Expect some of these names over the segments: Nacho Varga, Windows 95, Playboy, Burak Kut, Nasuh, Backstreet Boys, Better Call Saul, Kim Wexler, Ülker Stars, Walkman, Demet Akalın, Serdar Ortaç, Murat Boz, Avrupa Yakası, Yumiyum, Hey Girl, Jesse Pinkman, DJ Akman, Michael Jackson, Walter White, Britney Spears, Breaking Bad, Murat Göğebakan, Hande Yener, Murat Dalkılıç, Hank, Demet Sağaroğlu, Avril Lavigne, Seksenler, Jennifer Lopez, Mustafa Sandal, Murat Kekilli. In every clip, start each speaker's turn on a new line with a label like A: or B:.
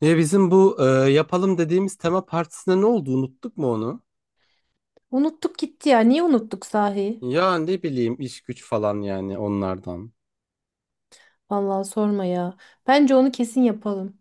A: Ya bizim bu yapalım dediğimiz tema partisine ne oldu? Unuttuk mu onu?
B: Unuttuk gitti ya. Niye unuttuk sahi?
A: Ya ne bileyim iş güç falan yani onlardan.
B: Vallahi sorma ya. Bence onu kesin yapalım.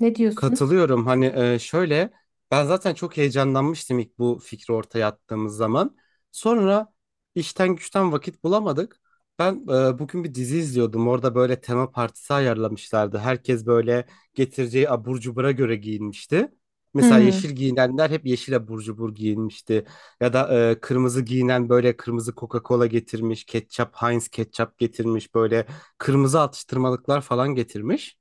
B: Ne diyorsun?
A: Katılıyorum. Hani şöyle ben zaten çok heyecanlanmıştım ilk bu fikri ortaya attığımız zaman. Sonra işten güçten vakit bulamadık. Ben bugün bir dizi izliyordum. Orada böyle tema partisi ayarlamışlardı. Herkes böyle getireceği abur cubura göre giyinmişti. Mesela yeşil
B: Hmm,
A: giyinenler hep yeşil abur cubur giyinmişti. Ya da kırmızı giyinen böyle kırmızı Coca-Cola getirmiş, ketçap, Heinz ketçap getirmiş, böyle kırmızı atıştırmalıklar falan getirmiş.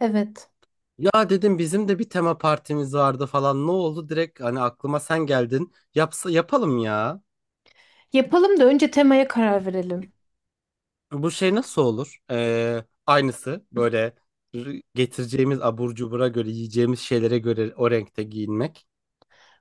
B: evet.
A: Ya dedim bizim de bir tema partimiz vardı falan ne oldu direkt hani aklıma sen geldin yapsa yapalım ya
B: Yapalım da önce temaya karar verelim.
A: bu şey nasıl olur. Aynısı böyle getireceğimiz abur cubura göre yiyeceğimiz şeylere göre o renkte giyinmek.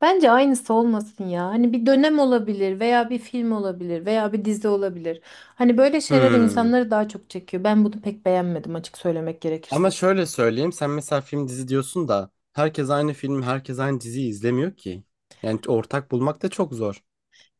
B: Bence aynısı olmasın ya. Hani bir dönem olabilir veya bir film olabilir veya bir dizi olabilir. Hani böyle şeyler
A: Hmm.
B: insanları daha çok çekiyor. Ben bunu pek beğenmedim açık söylemek
A: Ama
B: gerekirse.
A: şöyle söyleyeyim sen mesela film dizi diyorsun da herkes aynı film herkes aynı diziyi izlemiyor ki yani ortak bulmak da çok zor.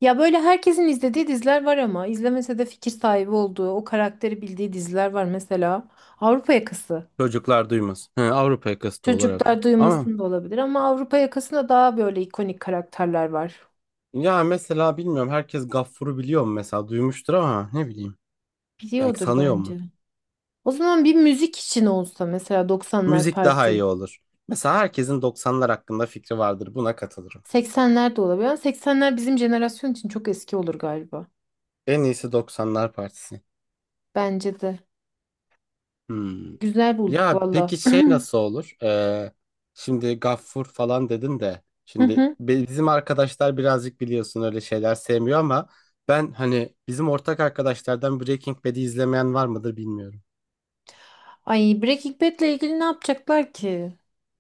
B: Ya böyle herkesin izlediği diziler var ama izlemese de fikir sahibi olduğu, o karakteri bildiği diziler var. Mesela Avrupa Yakası.
A: Çocuklar duymaz. Hı, Avrupa yakası da
B: Çocuklar
A: olarak ama.
B: duymasın da olabilir ama Avrupa yakasında daha böyle ikonik karakterler var.
A: Ya mesela bilmiyorum herkes Gaffur'u biliyor mu mesela duymuştur ama ne bileyim belki
B: Biliyordur
A: sanıyor mu?
B: bence. O zaman bir müzik için olsa mesela 90'lar
A: Müzik daha iyi
B: parti.
A: olur. Mesela herkesin 90'lar hakkında fikri vardır buna katılırım.
B: 80'ler de olabilir ama 80'ler bizim jenerasyon için çok eski olur galiba.
A: En iyisi 90'lar partisi.
B: Bence de.
A: Hmm.
B: Güzel bulduk
A: Ya
B: valla.
A: peki şey nasıl olur? Şimdi Gaffur falan dedin de
B: Hı
A: şimdi
B: hı.
A: bizim arkadaşlar birazcık biliyorsun öyle şeyler sevmiyor ama ben hani bizim ortak arkadaşlardan Breaking Bad'i izlemeyen var mıdır bilmiyorum.
B: Ay Breaking Bad'le ilgili ne yapacaklar ki?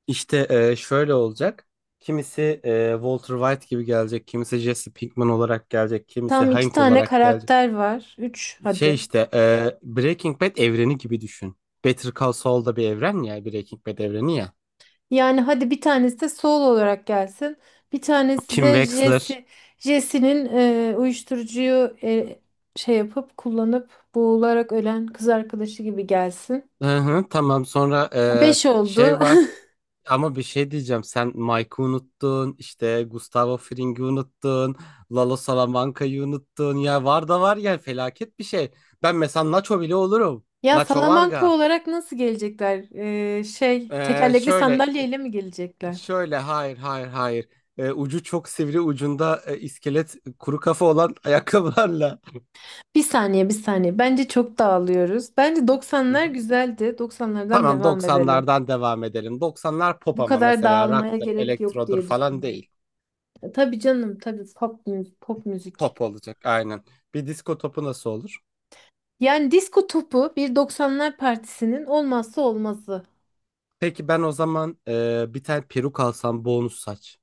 A: İşte şöyle olacak. Kimisi Walter White gibi gelecek, kimisi Jesse Pinkman olarak gelecek, kimisi
B: Tam iki
A: Hank
B: tane
A: olarak gelecek.
B: karakter var. Üç
A: Şey
B: hadi.
A: işte Breaking Bad evreni gibi düşün. Better Call Saul da bir evren ya, Breaking Bad evreni ya.
B: Yani hadi bir tanesi de Saul olarak gelsin. Bir tanesi
A: Kim
B: de
A: Wexler.
B: Jesse. Jesse'nin uyuşturucuyu şey yapıp kullanıp boğularak ölen kız arkadaşı gibi gelsin.
A: Hı hı, tamam sonra
B: Beş oldu.
A: şey var ama bir şey diyeceğim. Sen Mike'ı unuttun, işte Gustavo Fring'i unuttun, Lalo Salamanca'yı unuttun. Ya var da var ya felaket bir şey. Ben mesela Nacho bile olurum.
B: Ya
A: Nacho
B: Salamanca
A: Varga.
B: olarak nasıl gelecekler? Şey tekerlekli
A: Şöyle,
B: sandalyeyle mi gelecekler?
A: şöyle, hayır, hayır, hayır. Ucu çok sivri, ucunda iskelet, kuru kafa olan ayakkabılarla.
B: Bir saniye bir saniye. Bence çok dağılıyoruz. Bence
A: Hı
B: 90'lar
A: hı.
B: güzeldi. 90'lardan
A: Tamam,
B: devam edelim.
A: 90'lardan devam edelim. 90'lar pop
B: Bu
A: ama
B: kadar
A: mesela
B: dağılmaya
A: rock'tır,
B: gerek yok
A: elektrodur
B: diye
A: falan
B: düşünüyorum.
A: değil.
B: Tabii canım, tabii pop müzik, pop müzik.
A: Pop olacak, aynen. Bir disko topu nasıl olur?
B: Yani disko topu bir doksanlar partisinin olmazsa olmazı.
A: Peki ben o zaman bir tane peruk alsam, bonus saç.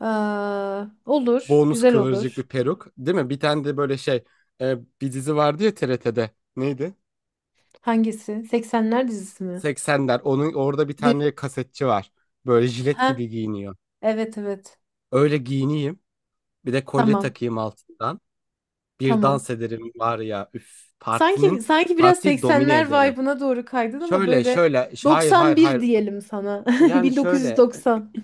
B: Aa, olur,
A: Bonus
B: güzel
A: kıvırcık
B: olur.
A: bir peruk, değil mi? Bir tane de böyle şey, bir dizi vardı ya TRT'de. Neydi?
B: Hangisi? Seksenler dizisi mi?
A: 80'ler. Onun orada bir tane
B: Direkt.
A: kasetçi var. Böyle jilet
B: Ha?
A: gibi giyiniyor.
B: Evet evet.
A: Öyle giyineyim. Bir de kolye
B: Tamam.
A: takayım altından. Bir
B: Tamam.
A: dans ederim var ya. Üf,
B: Sanki sanki biraz
A: partiyi domine
B: seksenler
A: ederim.
B: vibe'ına doğru kaydın ama böyle
A: Hayır,
B: doksan
A: hayır,
B: bir
A: hayır.
B: diyelim sana.
A: Yani şöyle
B: 1990.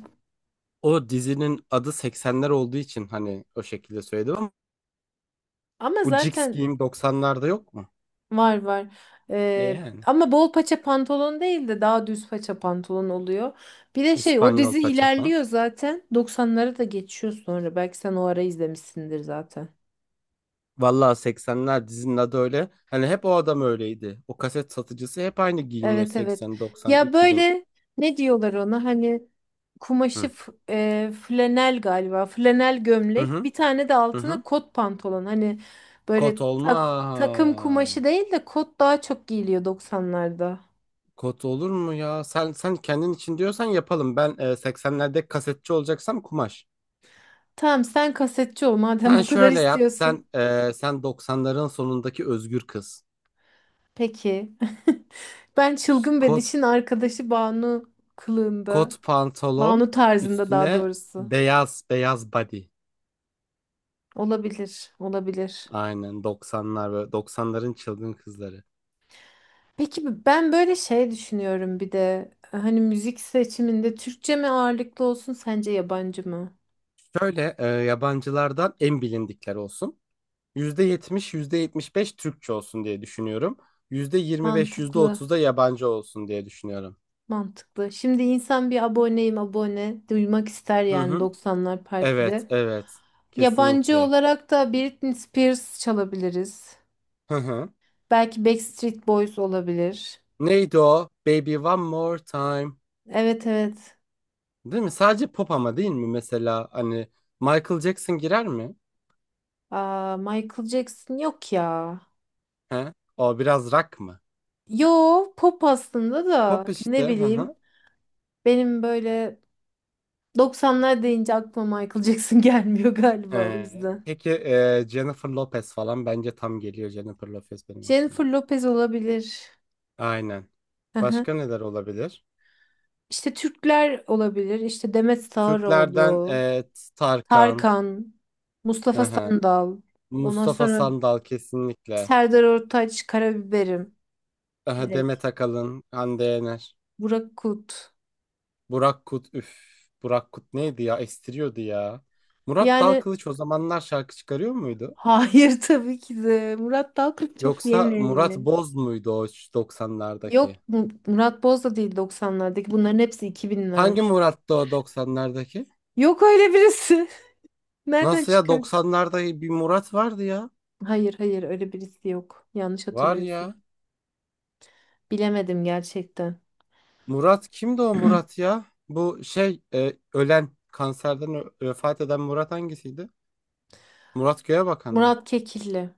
A: o dizinin adı 80'ler olduğu için hani o şekilde söyledim ama
B: Ama
A: bu Jigs
B: zaten
A: giyim 90'larda yok mu?
B: var var. Ee,
A: Yani
B: Ama bol paça pantolon değil de daha düz paça pantolon oluyor. Bir de şey o
A: İspanyol
B: dizi
A: paça falan.
B: ilerliyor zaten. 90'lara da geçiyor sonra. Belki sen o ara izlemişsindir zaten.
A: Vallahi 80'ler dizinin adı öyle. Hani hep o adam öyleydi. O kaset satıcısı hep aynı giyiniyor
B: Evet evet.
A: 80, 90,
B: Ya
A: 2000.
B: böyle ne diyorlar ona hani kumaşı
A: Hı.
B: flanel galiba. Flanel
A: Hı
B: gömlek.
A: hı.
B: Bir tane de
A: Hı
B: altına
A: hı.
B: kot pantolon. Hani
A: Kot
B: böyle
A: olma.
B: takım kumaşı değil de kot daha çok giyiliyor 90'larda.
A: Kot olur mu ya? Sen kendin için diyorsan yapalım. Ben 80'lerde kasetçi olacaksam kumaş.
B: Tamam sen kasetçi ol madem
A: Sen
B: bu kadar
A: şöyle yap.
B: istiyorsun.
A: Sen 90'ların sonundaki özgür kız.
B: Peki. Ben çılgın ve
A: Kot
B: dişin arkadaşı Banu kılığında.
A: kot pantolon
B: Banu tarzında daha
A: üstüne
B: doğrusu.
A: beyaz beyaz body.
B: Olabilir, olabilir.
A: Aynen 90'lar ve 90'ların çılgın kızları.
B: Peki ben böyle şey düşünüyorum bir de. Hani müzik seçiminde Türkçe mi ağırlıklı olsun sence yabancı mı?
A: Şöyle yabancılardan en bilindikler olsun. Yüzde yetmiş yüzde yetmiş beş Türkçe olsun diye düşünüyorum. %25 yüzde
B: Mantıklı,
A: otuz da yabancı olsun diye düşünüyorum.
B: mantıklı. Şimdi insan bir aboneyim abone duymak ister
A: Hı
B: yani
A: hı.
B: 90'lar
A: Evet,
B: partide.
A: evet.
B: Yabancı
A: Kesinlikle.
B: olarak da Britney Spears çalabiliriz.
A: Hı hı.
B: Belki Backstreet Boys olabilir.
A: Neydi o? Baby One More Time.
B: Evet evet.
A: Değil mi? Sadece pop ama değil mi? Mesela hani Michael Jackson girer mi?
B: Aa, Michael Jackson yok ya.
A: He? O biraz rock mı?
B: Yo pop aslında da
A: Pop işte.
B: ne
A: Hı
B: bileyim.
A: hı.
B: Benim böyle doksanlar deyince aklıma Michael Jackson gelmiyor galiba o yüzden.
A: Peki Jennifer Lopez falan bence tam geliyor, Jennifer Lopez benim
B: Jennifer
A: aklıma.
B: Lopez olabilir.
A: Aynen.
B: Aha.
A: Başka neler olabilir?
B: İşte Türkler olabilir. İşte Demet
A: Türklerden
B: Sağaroğlu,
A: evet, Tarkan,
B: Tarkan,
A: hı
B: Mustafa
A: hı.
B: Sandal. Ondan
A: Mustafa
B: sonra
A: Sandal kesinlikle.
B: Serdar Ortaç, Karabiberim.
A: Aha,
B: Direkt.
A: Demet Akalın, Hande Yener,
B: Burak Kut.
A: Burak Kut, üf. Burak Kut neydi ya? Estiriyordu ya. Murat
B: Yani
A: Dalkılıç o zamanlar şarkı çıkarıyor muydu?
B: hayır tabii ki de. Murat Dalkılıç çok
A: Yoksa Murat
B: yeni.
A: Boz muydu o
B: Yok
A: 90'lardaki?
B: Mu- Murat Boz da değil 90'lardaki. Bunların hepsi iki
A: Hangi
B: binler.
A: Murat'tı o 90'lardaki?
B: Yok öyle birisi. Nereden
A: Nasıl ya
B: çıkar?
A: 90'larda bir Murat vardı ya.
B: Hayır hayır öyle birisi yok. Yanlış
A: Var
B: hatırlıyorsun.
A: ya.
B: Bilemedim gerçekten.
A: Murat kimdi o Murat ya? Bu şey ölen kanserden vefat eden Murat hangisiydi? Murat Göğebakan mı?
B: Murat Kekilli.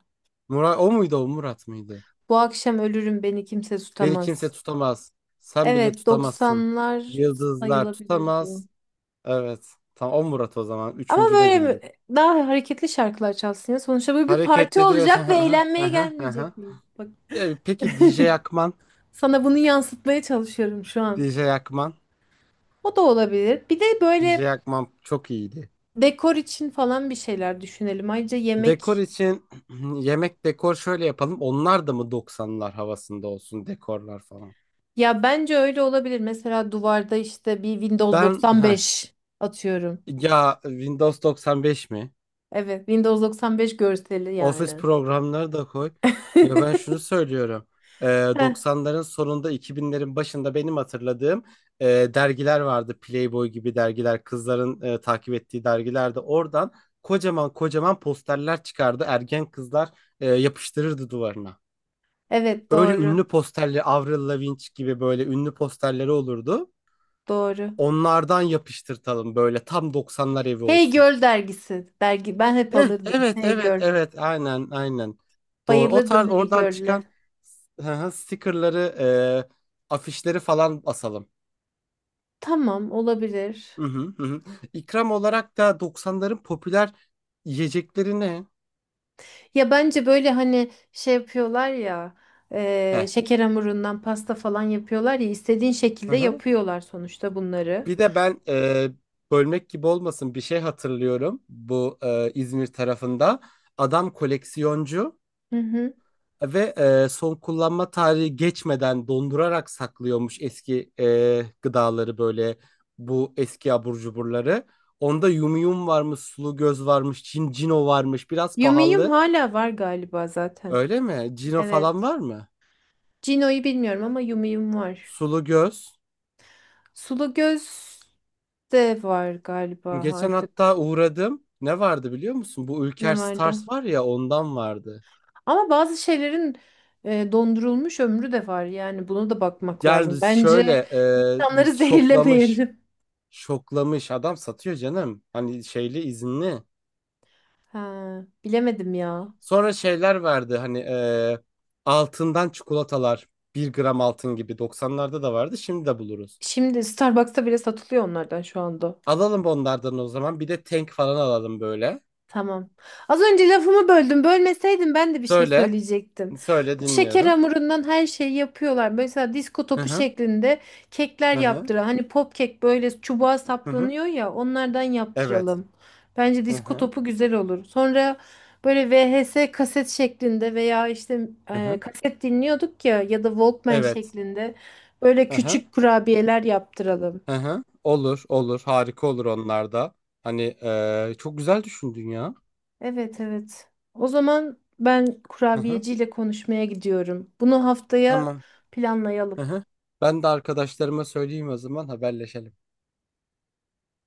A: Murat o muydu o Murat mıydı?
B: Bu akşam ölürüm beni kimse
A: Beni
B: tutamaz.
A: kimse tutamaz. Sen bile
B: Evet
A: tutamazsın.
B: doksanlar
A: Yıldızlar
B: sayılabilir bu.
A: tutamaz. Evet. Tamam o Murat o zaman.
B: Ama
A: Üçüncü de
B: böyle
A: bildik.
B: daha hareketli şarkılar çalsın ya. Sonuçta bu bir parti
A: Hareketli diyorsun.
B: olacak ve
A: Aha,
B: eğlenmeye
A: aha, aha.
B: gelmeyecek miyiz? Bak
A: Peki DJ Akman.
B: sana bunu yansıtmaya çalışıyorum şu an.
A: DJ Akman.
B: O da olabilir. Bir de böyle
A: DJ Akman çok iyiydi.
B: dekor için falan bir şeyler düşünelim. Ayrıca
A: Dekor
B: yemek
A: için yemek dekor şöyle yapalım. Onlar da mı 90'lar havasında olsun dekorlar falan.
B: ya bence öyle olabilir. Mesela duvarda işte bir Windows
A: Ben heh,
B: 95 atıyorum.
A: ya Windows 95 mi?
B: Evet, Windows 95 görseli
A: Office
B: yani.
A: programları da koy. Ya ben şunu söylüyorum. Ee,
B: Heh,
A: 90'ların sonunda 2000'lerin başında benim hatırladığım e, dergiler vardı. Playboy gibi dergiler, kızların takip ettiği dergilerde oradan kocaman kocaman posterler çıkardı. Ergen kızlar yapıştırırdı duvarına.
B: evet
A: Öyle
B: doğru.
A: ünlü posterli Avril Lavigne gibi böyle ünlü posterleri olurdu.
B: Doğru.
A: Onlardan yapıştırtalım böyle tam 90'lar evi
B: Hey
A: olsun.
B: Girl dergisi. Dergi ben hep
A: Heh,
B: alırdım.
A: evet,
B: Hey
A: evet,
B: Girl.
A: evet, aynen, aynen. Doğru. O
B: Bayılırdım
A: tarz
B: Hey
A: oradan
B: Girl'le.
A: çıkan, hı hı, stickerları, afişleri falan asalım.
B: Tamam olabilir.
A: Hı hı, hı hı. İkram olarak da 90'ların popüler yiyecekleri ne?
B: Ya bence böyle hani şey yapıyorlar ya
A: Heh.
B: şeker hamurundan pasta falan yapıyorlar ya istediğin
A: Hı
B: şekilde
A: hı.
B: yapıyorlar sonuçta bunları.
A: Bir de ben bölmek gibi olmasın bir şey hatırlıyorum, bu İzmir tarafında. Adam koleksiyoncu
B: Hı hı.
A: ve son kullanma tarihi geçmeden dondurarak saklıyormuş eski gıdaları, böyle bu eski abur cuburları. Onda yumyum varmış, sulu göz varmış, cino varmış. Biraz
B: Yumiyum
A: pahalı.
B: hala var galiba zaten.
A: Öyle mi? Cino falan
B: Evet.
A: var mı?
B: Cino'yu bilmiyorum ama Yumiyum var.
A: Sulu göz.
B: Sulu göz de var galiba
A: Geçen hatta
B: artık.
A: uğradım. Ne vardı biliyor musun? Bu Ülker
B: Ne vardı?
A: Stars var ya, ondan vardı.
B: Ama bazı şeylerin dondurulmuş ömrü de var. Yani bunu da bakmak lazım.
A: Yani
B: Bence
A: şöyle e,
B: insanları
A: şoklamış
B: zehirlemeyelim.
A: şoklamış adam satıyor canım. Hani şeyli izinli.
B: Ha, bilemedim ya.
A: Sonra şeyler verdi hani, altından çikolatalar. Bir gram altın gibi. 90'larda da vardı, şimdi de buluruz.
B: Şimdi Starbucks'ta bile satılıyor onlardan şu anda.
A: Alalım onlardan o zaman, bir de tank falan alalım böyle.
B: Tamam. Az önce lafımı böldüm. Bölmeseydin ben de bir şey
A: Söyle,
B: söyleyecektim.
A: söyle,
B: Bu şeker
A: dinliyorum.
B: hamurundan her şeyi yapıyorlar. Mesela disko
A: Hı
B: topu
A: hı,
B: şeklinde kekler
A: hı hı,
B: yaptıran. Hani pop kek böyle çubuğa
A: hı hı.
B: saplanıyor ya onlardan
A: Evet.
B: yaptıralım. Bence
A: Hı
B: disko
A: hı,
B: topu güzel olur. Sonra böyle VHS kaset şeklinde veya işte
A: hı hı.
B: kaset dinliyorduk ya ya da Walkman
A: Evet.
B: şeklinde böyle
A: Hı hı,
B: küçük kurabiyeler yaptıralım.
A: hı hı. Olur, olur, harika olur onlar da. Hani çok güzel düşündün ya.
B: Evet evet. O zaman ben
A: Hı hı.
B: kurabiyeciyle konuşmaya gidiyorum. Bunu haftaya
A: Tamam. Hı
B: planlayalım.
A: hı. Ben de arkadaşlarıma söyleyeyim o zaman, haberleşelim.